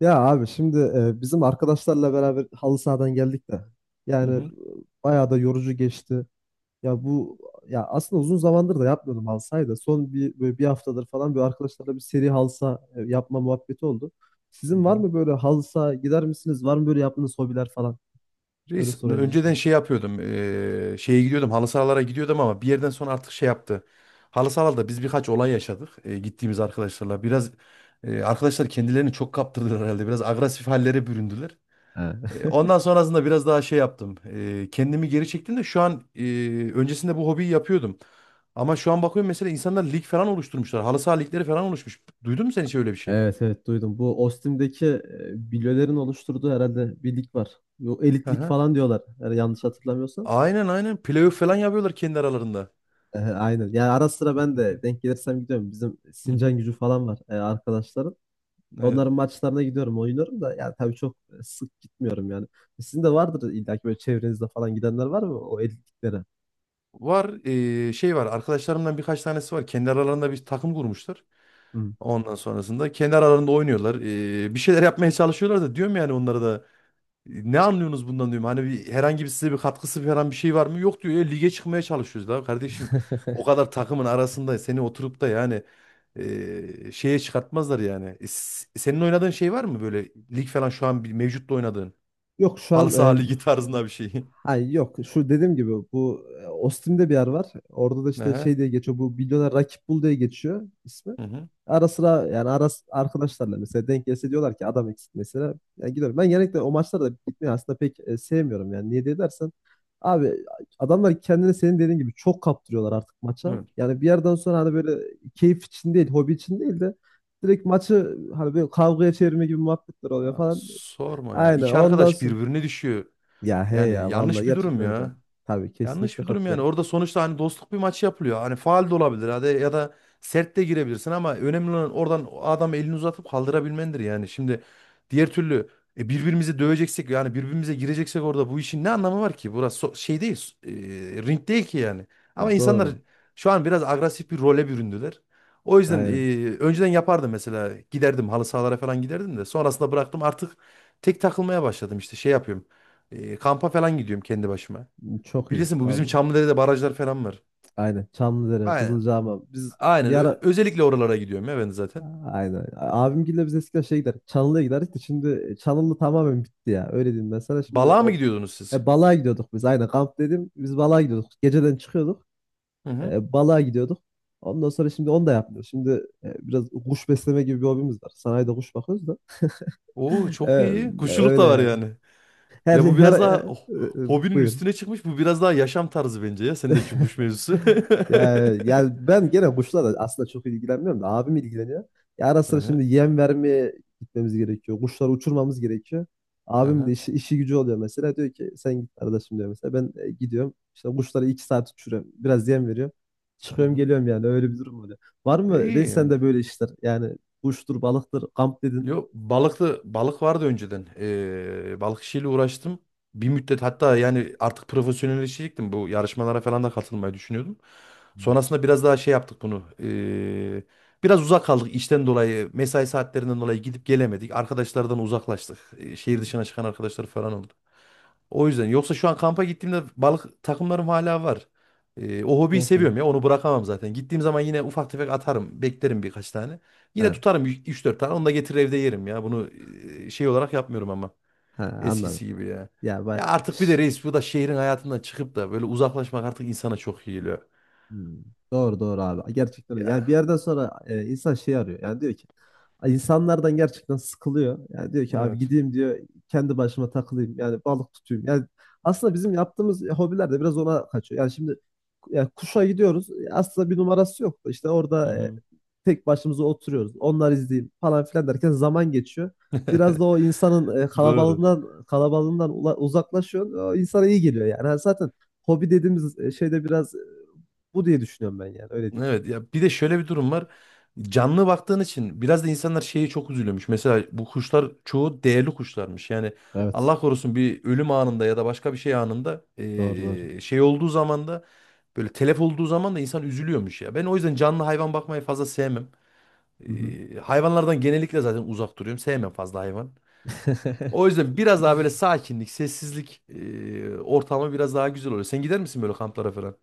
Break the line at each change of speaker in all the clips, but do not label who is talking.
Ya abi şimdi bizim arkadaşlarla beraber halı sahadan geldik de
Hı
yani
hı.
bayağı da yorucu geçti. Ya bu ya aslında uzun zamandır da yapmıyordum halı sahayı da son bir böyle bir haftadır falan böyle arkadaşlarla bir seri halı saha yapma muhabbeti oldu.
Hı
Sizin var
hı.
mı böyle halı saha gider misiniz? Var mı böyle yaptığınız hobiler falan? Öyle
Reis
sorayım
önceden
mesela.
şey yapıyordum. Şeye gidiyordum. Halı sahalara gidiyordum ama bir yerden sonra artık şey yaptı. Halı sahalarda biz birkaç olay yaşadık. Gittiğimiz arkadaşlarla biraz arkadaşlar kendilerini çok kaptırdılar herhalde. Biraz agresif hallere büründüler.
Ha.
Ondan sonrasında biraz daha şey yaptım. Kendimi geri çektim de şu an öncesinde bu hobiyi yapıyordum. Ama şu an bakıyorum mesela insanlar lig falan oluşturmuşlar. Halı saha ligleri falan oluşmuş. Duydun mu sen hiç öyle bir şey?
Evet, evet, duydum. Bu Ostim'deki bilyelerin oluşturduğu herhalde bir lig var. Bu
Hı
elitlik
hı.
falan diyorlar, eğer yanlış hatırlamıyorsam.
Aynen aynen. Playoff falan yapıyorlar kendi aralarında.
Aynen. Yani ara sıra ben de denk gelirsem gidiyorum. Bizim
Hı
Sincan
hı.
Gücü falan var, arkadaşların.
Evet.
Onların maçlarına gidiyorum, oynuyorum da, yani tabii çok sık gitmiyorum yani. Sizin de vardır illa ki, böyle çevrenizde falan gidenler var mı o etkinliklere?
Var şey var, arkadaşlarımdan birkaç tanesi var. Kendi aralarında bir takım kurmuşlar.
Hı.
Ondan sonrasında kendi aralarında oynuyorlar. Bir şeyler yapmaya çalışıyorlar da, diyorum yani onlara da: "E, ne anlıyorsunuz bundan, diyorum. Hani bir, herhangi bir size bir katkısı falan bir şey var mı? Yok, diyor, ya lige çıkmaya çalışıyoruz da kardeşim. O kadar takımın arasında seni oturup da yani şeye çıkartmazlar yani. E, senin oynadığın şey var mı, böyle lig falan şu an bir mevcutta oynadığın?
Yok şu
Halı
an
saha
e,
ligi tarzında bir şey.
Ha, yok, şu dediğim gibi bu Ostim'de bir yer var. Orada da işte
Aha,
şey diye geçiyor. Bu Milyoner Rakip Bul diye geçiyor ismi.
hı
Ara sıra yani arkadaşlarla mesela denk gelse diyorlar ki adam eksik mesela. Yani gidiyorum. Ben genellikle o maçlara da gitmeyi aslında pek sevmiyorum yani. Niye diye dersen abi, adamlar kendini senin dediğin gibi çok kaptırıyorlar artık maça.
hı.
Yani bir yerden sonra hani böyle keyif için değil, hobi için değil de direkt maçı hani böyle kavgaya çevirme gibi muhabbetler
Ya
oluyor falan.
sorma ya.
Aynen.
İki
Ondan
arkadaş
sonra
birbirine düşüyor.
ya he,
Yani
ya vallahi
yanlış bir durum
gerçekten öyle.
ya.
Tabii,
Yanlış
kesinlikle
bir durum yani.
katılıyorum.
Orada sonuçta hani dostluk bir maç yapılıyor. Hani faal de olabilir hadi, ya da sert de girebilirsin ama önemli olan oradan adam elini uzatıp kaldırabilmendir yani. Şimdi diğer türlü e, birbirimizi döveceksek yani birbirimize gireceksek orada bu işin ne anlamı var ki? Burası şey değil, e, ring değil ki yani. Ama
Ya,
insanlar
doğru.
şu an biraz agresif bir role büründüler. O yüzden
Aynen.
e, önceden yapardım mesela, giderdim halı sahalara falan, giderdim de sonrasında bıraktım artık, tek takılmaya başladım, işte şey yapıyorum. E, kampa falan gidiyorum kendi başıma.
Çok iyi,
Bilirsin, bu bizim
vallahi.
Çamlıdere'de barajlar falan var.
Aynen. Çamlıdere,
Aynen.
Kızılcahamam. Biz bir
Aynen.
ara,
Özellikle oralara gidiyorum ya ben zaten.
aynen. Abimgille biz eskiden şey giderdik, Çanlı'ya giderdik de şimdi Çanlı tamamen bitti ya. Öyle diyeyim ben sana. Şimdi
Balığa mı
o
gidiyordunuz siz?
balığa gidiyorduk biz. Aynen, kamp dedim. Biz balığa gidiyorduk, geceden çıkıyorduk.
Hı hı.
Balığa gidiyorduk. Ondan sonra şimdi onu da yapmıyoruz. Şimdi biraz kuş besleme gibi bir hobimiz var. Sanayide kuş bakıyoruz da.
Oo,
E,
çok iyi. Kuşçuluk
öyle
da var
yani.
yani.
Her
Ya
şey,
bu
her
biraz daha oh, hobinin
buyur.
üstüne çıkmış. Bu biraz daha yaşam tarzı bence ya. Sendeki kuş mevzusu.
Yani, yani ben gene kuşlarla aslında çok ilgilenmiyorum da abim ilgileniyor. Ya ara sıra
Aha
şimdi yem vermeye gitmemiz gerekiyor, kuşları uçurmamız gerekiyor. Abim de
aha.
işi, işi gücü oluyor mesela. Diyor ki sen git arkadaşım diyor mesela. Ben gidiyorum. İşte kuşları iki saat uçuruyorum, biraz yem veriyorum, çıkıyorum
Hı
geliyorum yani. Öyle bir durum oluyor. Var
hı. E,
mı
İyi
reis
yani.
sende böyle işler? Yani kuştur, balıktır, kamp dedin.
Yok, balıklı balık vardı önceden. Balık işiyle uğraştım. Bir müddet hatta, yani artık profesyonelleşecektim. Bu yarışmalara falan da katılmayı düşünüyordum.
Hı.
Sonrasında biraz daha şey yaptık bunu. Biraz uzak kaldık işten dolayı, mesai saatlerinden dolayı gidip gelemedik. Arkadaşlardan uzaklaştık. Şehir dışına çıkan arkadaşlar falan oldu. O yüzden, yoksa şu an kampa gittiğimde balık takımlarım hala var. O hobiyi
Yok ya.
seviyorum ya, onu bırakamam zaten. Gittiğim zaman yine ufak tefek atarım, beklerim birkaç tane.
He,
Yine tutarım üç dört tane, onu da getirir evde yerim ya. Bunu e, şey olarak yapmıyorum ama
he, anladım.
eskisi gibi ya.
Ya ben.
Ya artık bir de reis, bu da şehrin hayatından çıkıp da böyle uzaklaşmak artık insana çok iyi geliyor.
Hmm. Doğru, doğru abi. Gerçekten öyle. Yani bir
Ya
yerden sonra insan şey arıyor. Yani diyor ki, "Ay, insanlardan gerçekten sıkılıyor." Yani diyor ki, "Abi
evet.
gideyim," diyor, "kendi başıma takılayım. Yani balık tutayım." Yani aslında bizim yaptığımız hobiler de biraz ona kaçıyor. Yani şimdi yani kuşa gidiyoruz. Aslında bir numarası yok. İşte
Hı
orada
hı.
tek başımıza oturuyoruz. Onlar izleyeyim falan filan derken zaman geçiyor. Biraz da o insanın
Doğru.
kalabalığından kalabalığından uzaklaşıyor. O insana iyi geliyor yani. Yani zaten hobi dediğimiz şeyde biraz bu diye düşünüyorum ben yani, öyle değil.
Evet, ya bir de şöyle bir durum var. Canlı baktığın için biraz da insanlar şeyi çok üzülüyormuş. Mesela bu kuşlar çoğu değerli kuşlarmış. Yani
Evet.
Allah korusun bir ölüm anında ya da başka bir şey anında
Doğru, doğru.
şey olduğu zaman da, böyle telef olduğu zaman da insan üzülüyormuş ya. Ben o yüzden canlı hayvan bakmayı fazla sevmem.
Hı hı.
Hayvanlardan genellikle zaten uzak duruyorum. Sevmem fazla hayvan. O yüzden biraz daha böyle sakinlik, sessizlik ortamı biraz daha güzel oluyor. Sen gider misin böyle kamplara falan?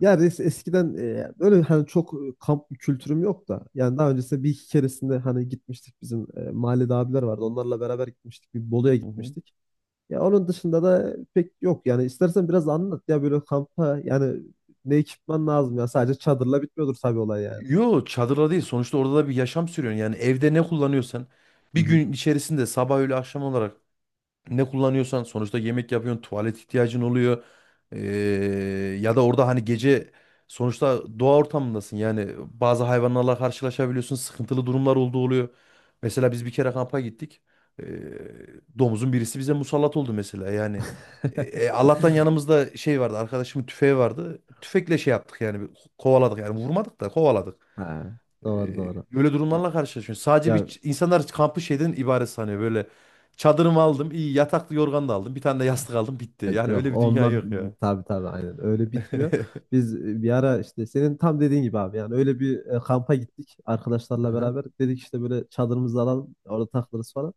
Ya res, eskiden böyle hani çok kamp kültürüm yok da, yani daha öncesinde bir iki keresinde hani gitmiştik, bizim mahallede abiler vardı, onlarla beraber gitmiştik, bir Bolu'ya gitmiştik. Ya onun dışında da pek yok yani. İstersen biraz anlat ya böyle kampa, yani ne ekipman lazım, ya sadece çadırla bitmiyordur tabii olay yani.
Yo, çadırda değil. Sonuçta orada da bir yaşam sürüyorsun. Yani evde ne kullanıyorsan
Hı
bir
hı.
gün içerisinde, sabah öğle akşam olarak ne kullanıyorsan, sonuçta yemek yapıyorsun, tuvalet ihtiyacın oluyor. Ee, ya da orada hani gece sonuçta doğa ortamındasın. Yani bazı hayvanlarla karşılaşabiliyorsun. Sıkıntılı durumlar olduğu oluyor. Mesela biz bir kere kampa gittik. Ee, domuzun birisi bize musallat oldu mesela. Yani e, e, Allah'tan yanımızda şey vardı. Arkadaşımın tüfeği vardı. Tüfekle şey yaptık yani, kovaladık yani, vurmadık da kovaladık.
Ha, doğru, doğru.
Böyle
Ya,
durumlarla karşılaşıyorsun. Sadece
ya,
bir insanlar kampı şeyden ibaret sanıyor. Böyle çadırımı aldım, iyi yataklı yorgan da aldım, bir tane de yastık aldım, bitti. Yani
Yok
öyle bir dünya
onunla,
yok ya.
tabii tabii aynen öyle bitmiyor. Biz bir ara işte senin tam dediğin gibi abi, yani öyle bir kampa gittik arkadaşlarla
Aha,
beraber. Dedik işte böyle çadırımızı alalım, orada takılırız falan.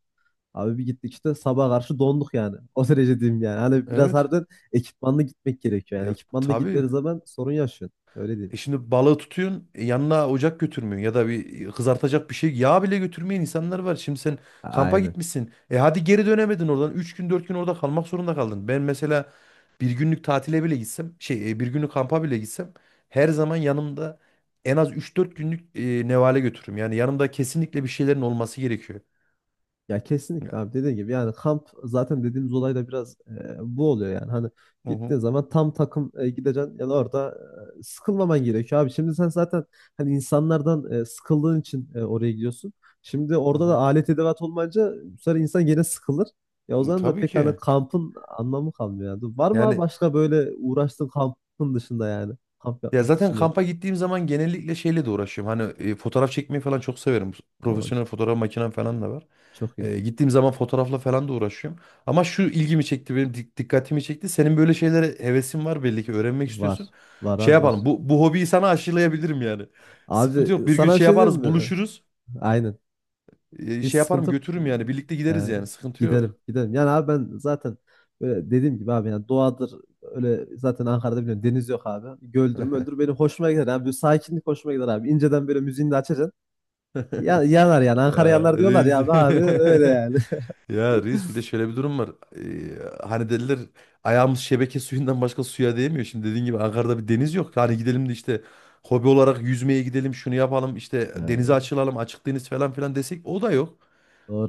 Abi bir gittik, işte sabaha karşı donduk yani. O derece diyeyim yani. Hani biraz
evet.
harbiden ekipmanla gitmek gerekiyor yani.
E,
Ekipmanla
tabii.
gitmediği zaman sorun yaşıyorsun. Öyle değil.
E şimdi balığı tutuyorsun, e, yanına ocak götürmüyorsun ya da bir e, kızartacak bir şey, yağ bile götürmeyen insanlar var. Şimdi sen kampa
Aynen.
gitmişsin. E hadi, geri dönemedin oradan. Üç gün 4 gün orada kalmak zorunda kaldın. Ben mesela bir günlük tatile bile gitsem, şey, e, bir günlük kampa bile gitsem her zaman yanımda en az üç dört günlük e, nevale götürürüm. Yani yanımda kesinlikle bir şeylerin olması gerekiyor.
Ya kesinlikle
Ya.
abi dediğin gibi, yani kamp zaten dediğimiz olay da biraz bu oluyor yani. Hani
Hı hı.
gittiğin zaman tam takım gideceksin yani, orada sıkılmaman gerekiyor abi. Şimdi sen zaten hani insanlardan sıkıldığın için oraya gidiyorsun, şimdi
Hı
orada da
hı.
alet edevat olmayınca bu sefer insan gene sıkılır ya, o
E,
zaman da
tabii
pek hani
ki.
kampın anlamı kalmıyor yani. Var mı abi
Yani
başka böyle uğraştığın kampın dışında yani, kamp
ya
yapmak
zaten
dışında?
kampa gittiğim zaman genellikle şeyle de uğraşıyorum. Hani e, fotoğraf çekmeyi falan çok severim.
O
Profesyonel fotoğraf makinem falan da var.
çok iyi.
E, gittiğim zaman fotoğrafla falan da uğraşıyorum. Ama şu ilgimi çekti, benim dikkatimi çekti. Senin böyle şeylere hevesin var, belli ki öğrenmek
Var,
istiyorsun.
var
Şey
abi, var.
yapalım, bu, bu hobiyi sana aşılayabilirim yani. Sıkıntı
Abi
yok, bir gün
sana bir
şey
şey diyeyim
yaparız,
mi?
buluşuruz.
Aynen.
E,
Hiç
şey yaparım,
sıkıntı yok.
götürürüm yani, birlikte gideriz
He,
yani, sıkıntı
gidelim
yok.
gidelim. Yani abi ben zaten böyle dediğim gibi abi, yani doğadır, öyle zaten. Ankara'da biliyorum deniz yok abi. Göldür öldür. Benim hoşuma gider abi. Böyle sakinlik hoşuma gider abi. İnceden böyle müziğini de açacaksın. Ya, yanar yani, Ankara
Ya
yanar diyorlar
reis.
ya abi, abi öyle yani.
Ya reis, bir de şöyle bir durum var. Hani dediler, ayağımız şebeke suyundan başka suya değmiyor. Şimdi dediğin gibi Ankara'da bir deniz yok. Hani gidelim de işte hobi olarak yüzmeye gidelim, şunu yapalım işte, denize
Ee,
açılalım, açık deniz falan filan desek, o da yok.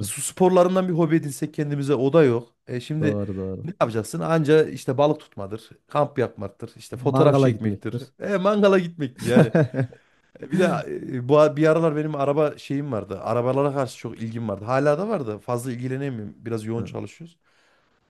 E, su sporlarından bir hobi edinsek kendimize, o da yok. E şimdi
doğru, doğru.
ne yapacaksın? Anca işte balık tutmadır, kamp yapmaktır, işte fotoğraf
Mangala
çekmektir,
gitmektir.
e, mangala gitmektir. Yani e, bir de e, bu bir aralar benim araba şeyim vardı. Arabalara karşı çok ilgim vardı. Hala da vardı. Fazla ilgilenemiyorum. Biraz yoğun
Ha,
çalışıyoruz.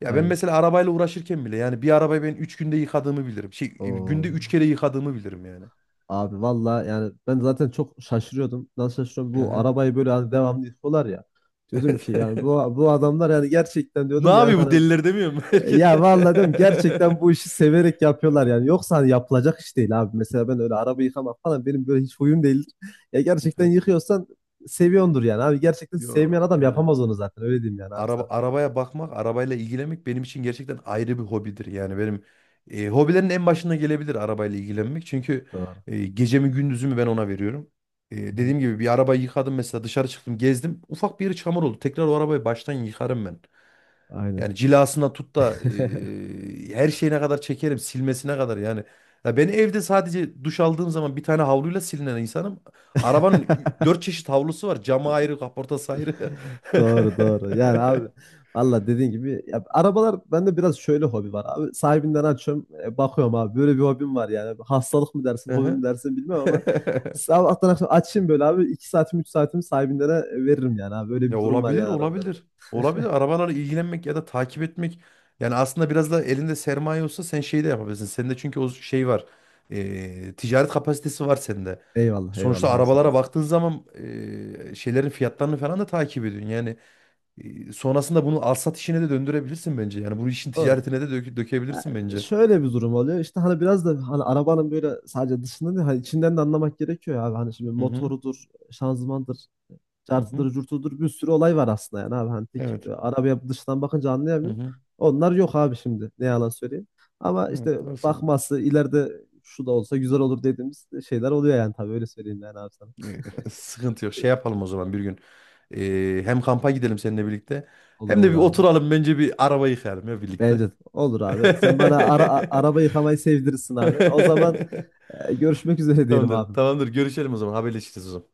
Ya ben
aynen.
mesela arabayla uğraşırken bile yani bir arabayı ben üç günde yıkadığımı bilirim. Şey, e,
Oo.
günde 3 kere yıkadığımı bilirim yani.
Abi valla yani ben zaten çok şaşırıyordum. Nasıl şaşırıyorum? Bu
Aha,
arabayı böyle hani devamlı yıkıyorlar ya. Diyordum
evet.
ki yani bu, bu adamlar yani gerçekten
Ne
diyordum yani
yapıyor bu
hani
deliler demiyor mu herkes?
ya valla diyorum gerçekten bu işi severek yapıyorlar yani. Yoksa hani yapılacak iş değil abi. Mesela ben öyle araba yıkamak falan benim böyle hiç huyum değildir. Ya gerçekten yıkıyorsan seviyordur yani abi. Gerçekten
Yo
sevmeyen adam
yani.
yapamaz onu zaten, öyle diyeyim yani abi
Araba,
sana.
arabaya bakmak, arabayla ilgilenmek benim için gerçekten ayrı bir hobidir. Yani benim e, hobilerin en başına gelebilir arabayla ilgilenmek. Çünkü
Doğru.
e, gecemi gündüzümü ben ona veriyorum. E,
Hı hı.
dediğim gibi bir arabayı yıkadım mesela, dışarı çıktım, gezdim. Ufak bir yeri çamur oldu. Tekrar o arabayı baştan yıkarım ben.
Aynen.
Yani cilasına tut da e, her şeyine kadar çekerim, silmesine kadar yani. Ya ben evde sadece duş aldığım zaman bir tane havluyla silinen insanım. Arabanın dört çeşit havlusu var. Camı ayrı, kaportası ayrı.
Doğru, doğru. Yani abi valla dediğin gibi ya, arabalar bende biraz şöyle hobi var abi. Sahibinden açıyorum, bakıyorum abi, böyle bir hobim var yani. Hastalık mı dersin, hobi
Aha.
mi dersin bilmem, ama sabahtan akşam açayım böyle abi, 2 saatimi 3 saatimi sahibinden veririm yani abi. Böyle
Ya
bir durum var
olabilir,
yani arabalarda.
olabilir. Olabilir. Arabalarla ilgilenmek ya da takip etmek. Yani aslında biraz da elinde sermaye olsa sen şey de yapabilirsin. Sende çünkü o şey var. Ticaret kapasitesi var sende.
Eyvallah,
Sonuçta
eyvallah abi, sağ
arabalara
olasın.
baktığın zaman şeylerin fiyatlarını falan da takip ediyorsun. Yani sonrasında bunu alsat işine de döndürebilirsin bence. Yani bu işin
Doğru.
ticaretine de
Ya,
dökebilirsin bence.
şöyle bir durum oluyor. İşte hani biraz da hani arabanın böyle sadece dışında değil, hani içinden de anlamak gerekiyor ya abi. Hani şimdi
Hı hı.
motorudur, şanzımandır,
Hı hı.
cartıdır, curtudur, bir sürü olay var aslında yani abi. Hani tek
Evet.
arabaya dıştan bakınca
Hı
anlayamıyorum.
hı.
Onlar yok abi şimdi. Ne yalan söyleyeyim. Ama işte
Evet, doğru söylüyorsun.
bakması ileride şu da olsa güzel olur dediğimiz şeyler oluyor yani, tabii öyle söyleyeyim yani abi sana.
Ee, sıkıntı yok. Şey yapalım o zaman bir gün. Hem kampa gidelim seninle birlikte.
Olur,
Hem de
olur
bir
abi.
oturalım bence, bir araba yıkayalım ya
Bence
birlikte.
de, olur abi. Sen bana araba yıkamayı sevdirirsin abi. O zaman görüşmek üzere diyelim
Tamamdır.
abi.
Tamamdır. Görüşelim o zaman. Haberleşiriz o zaman.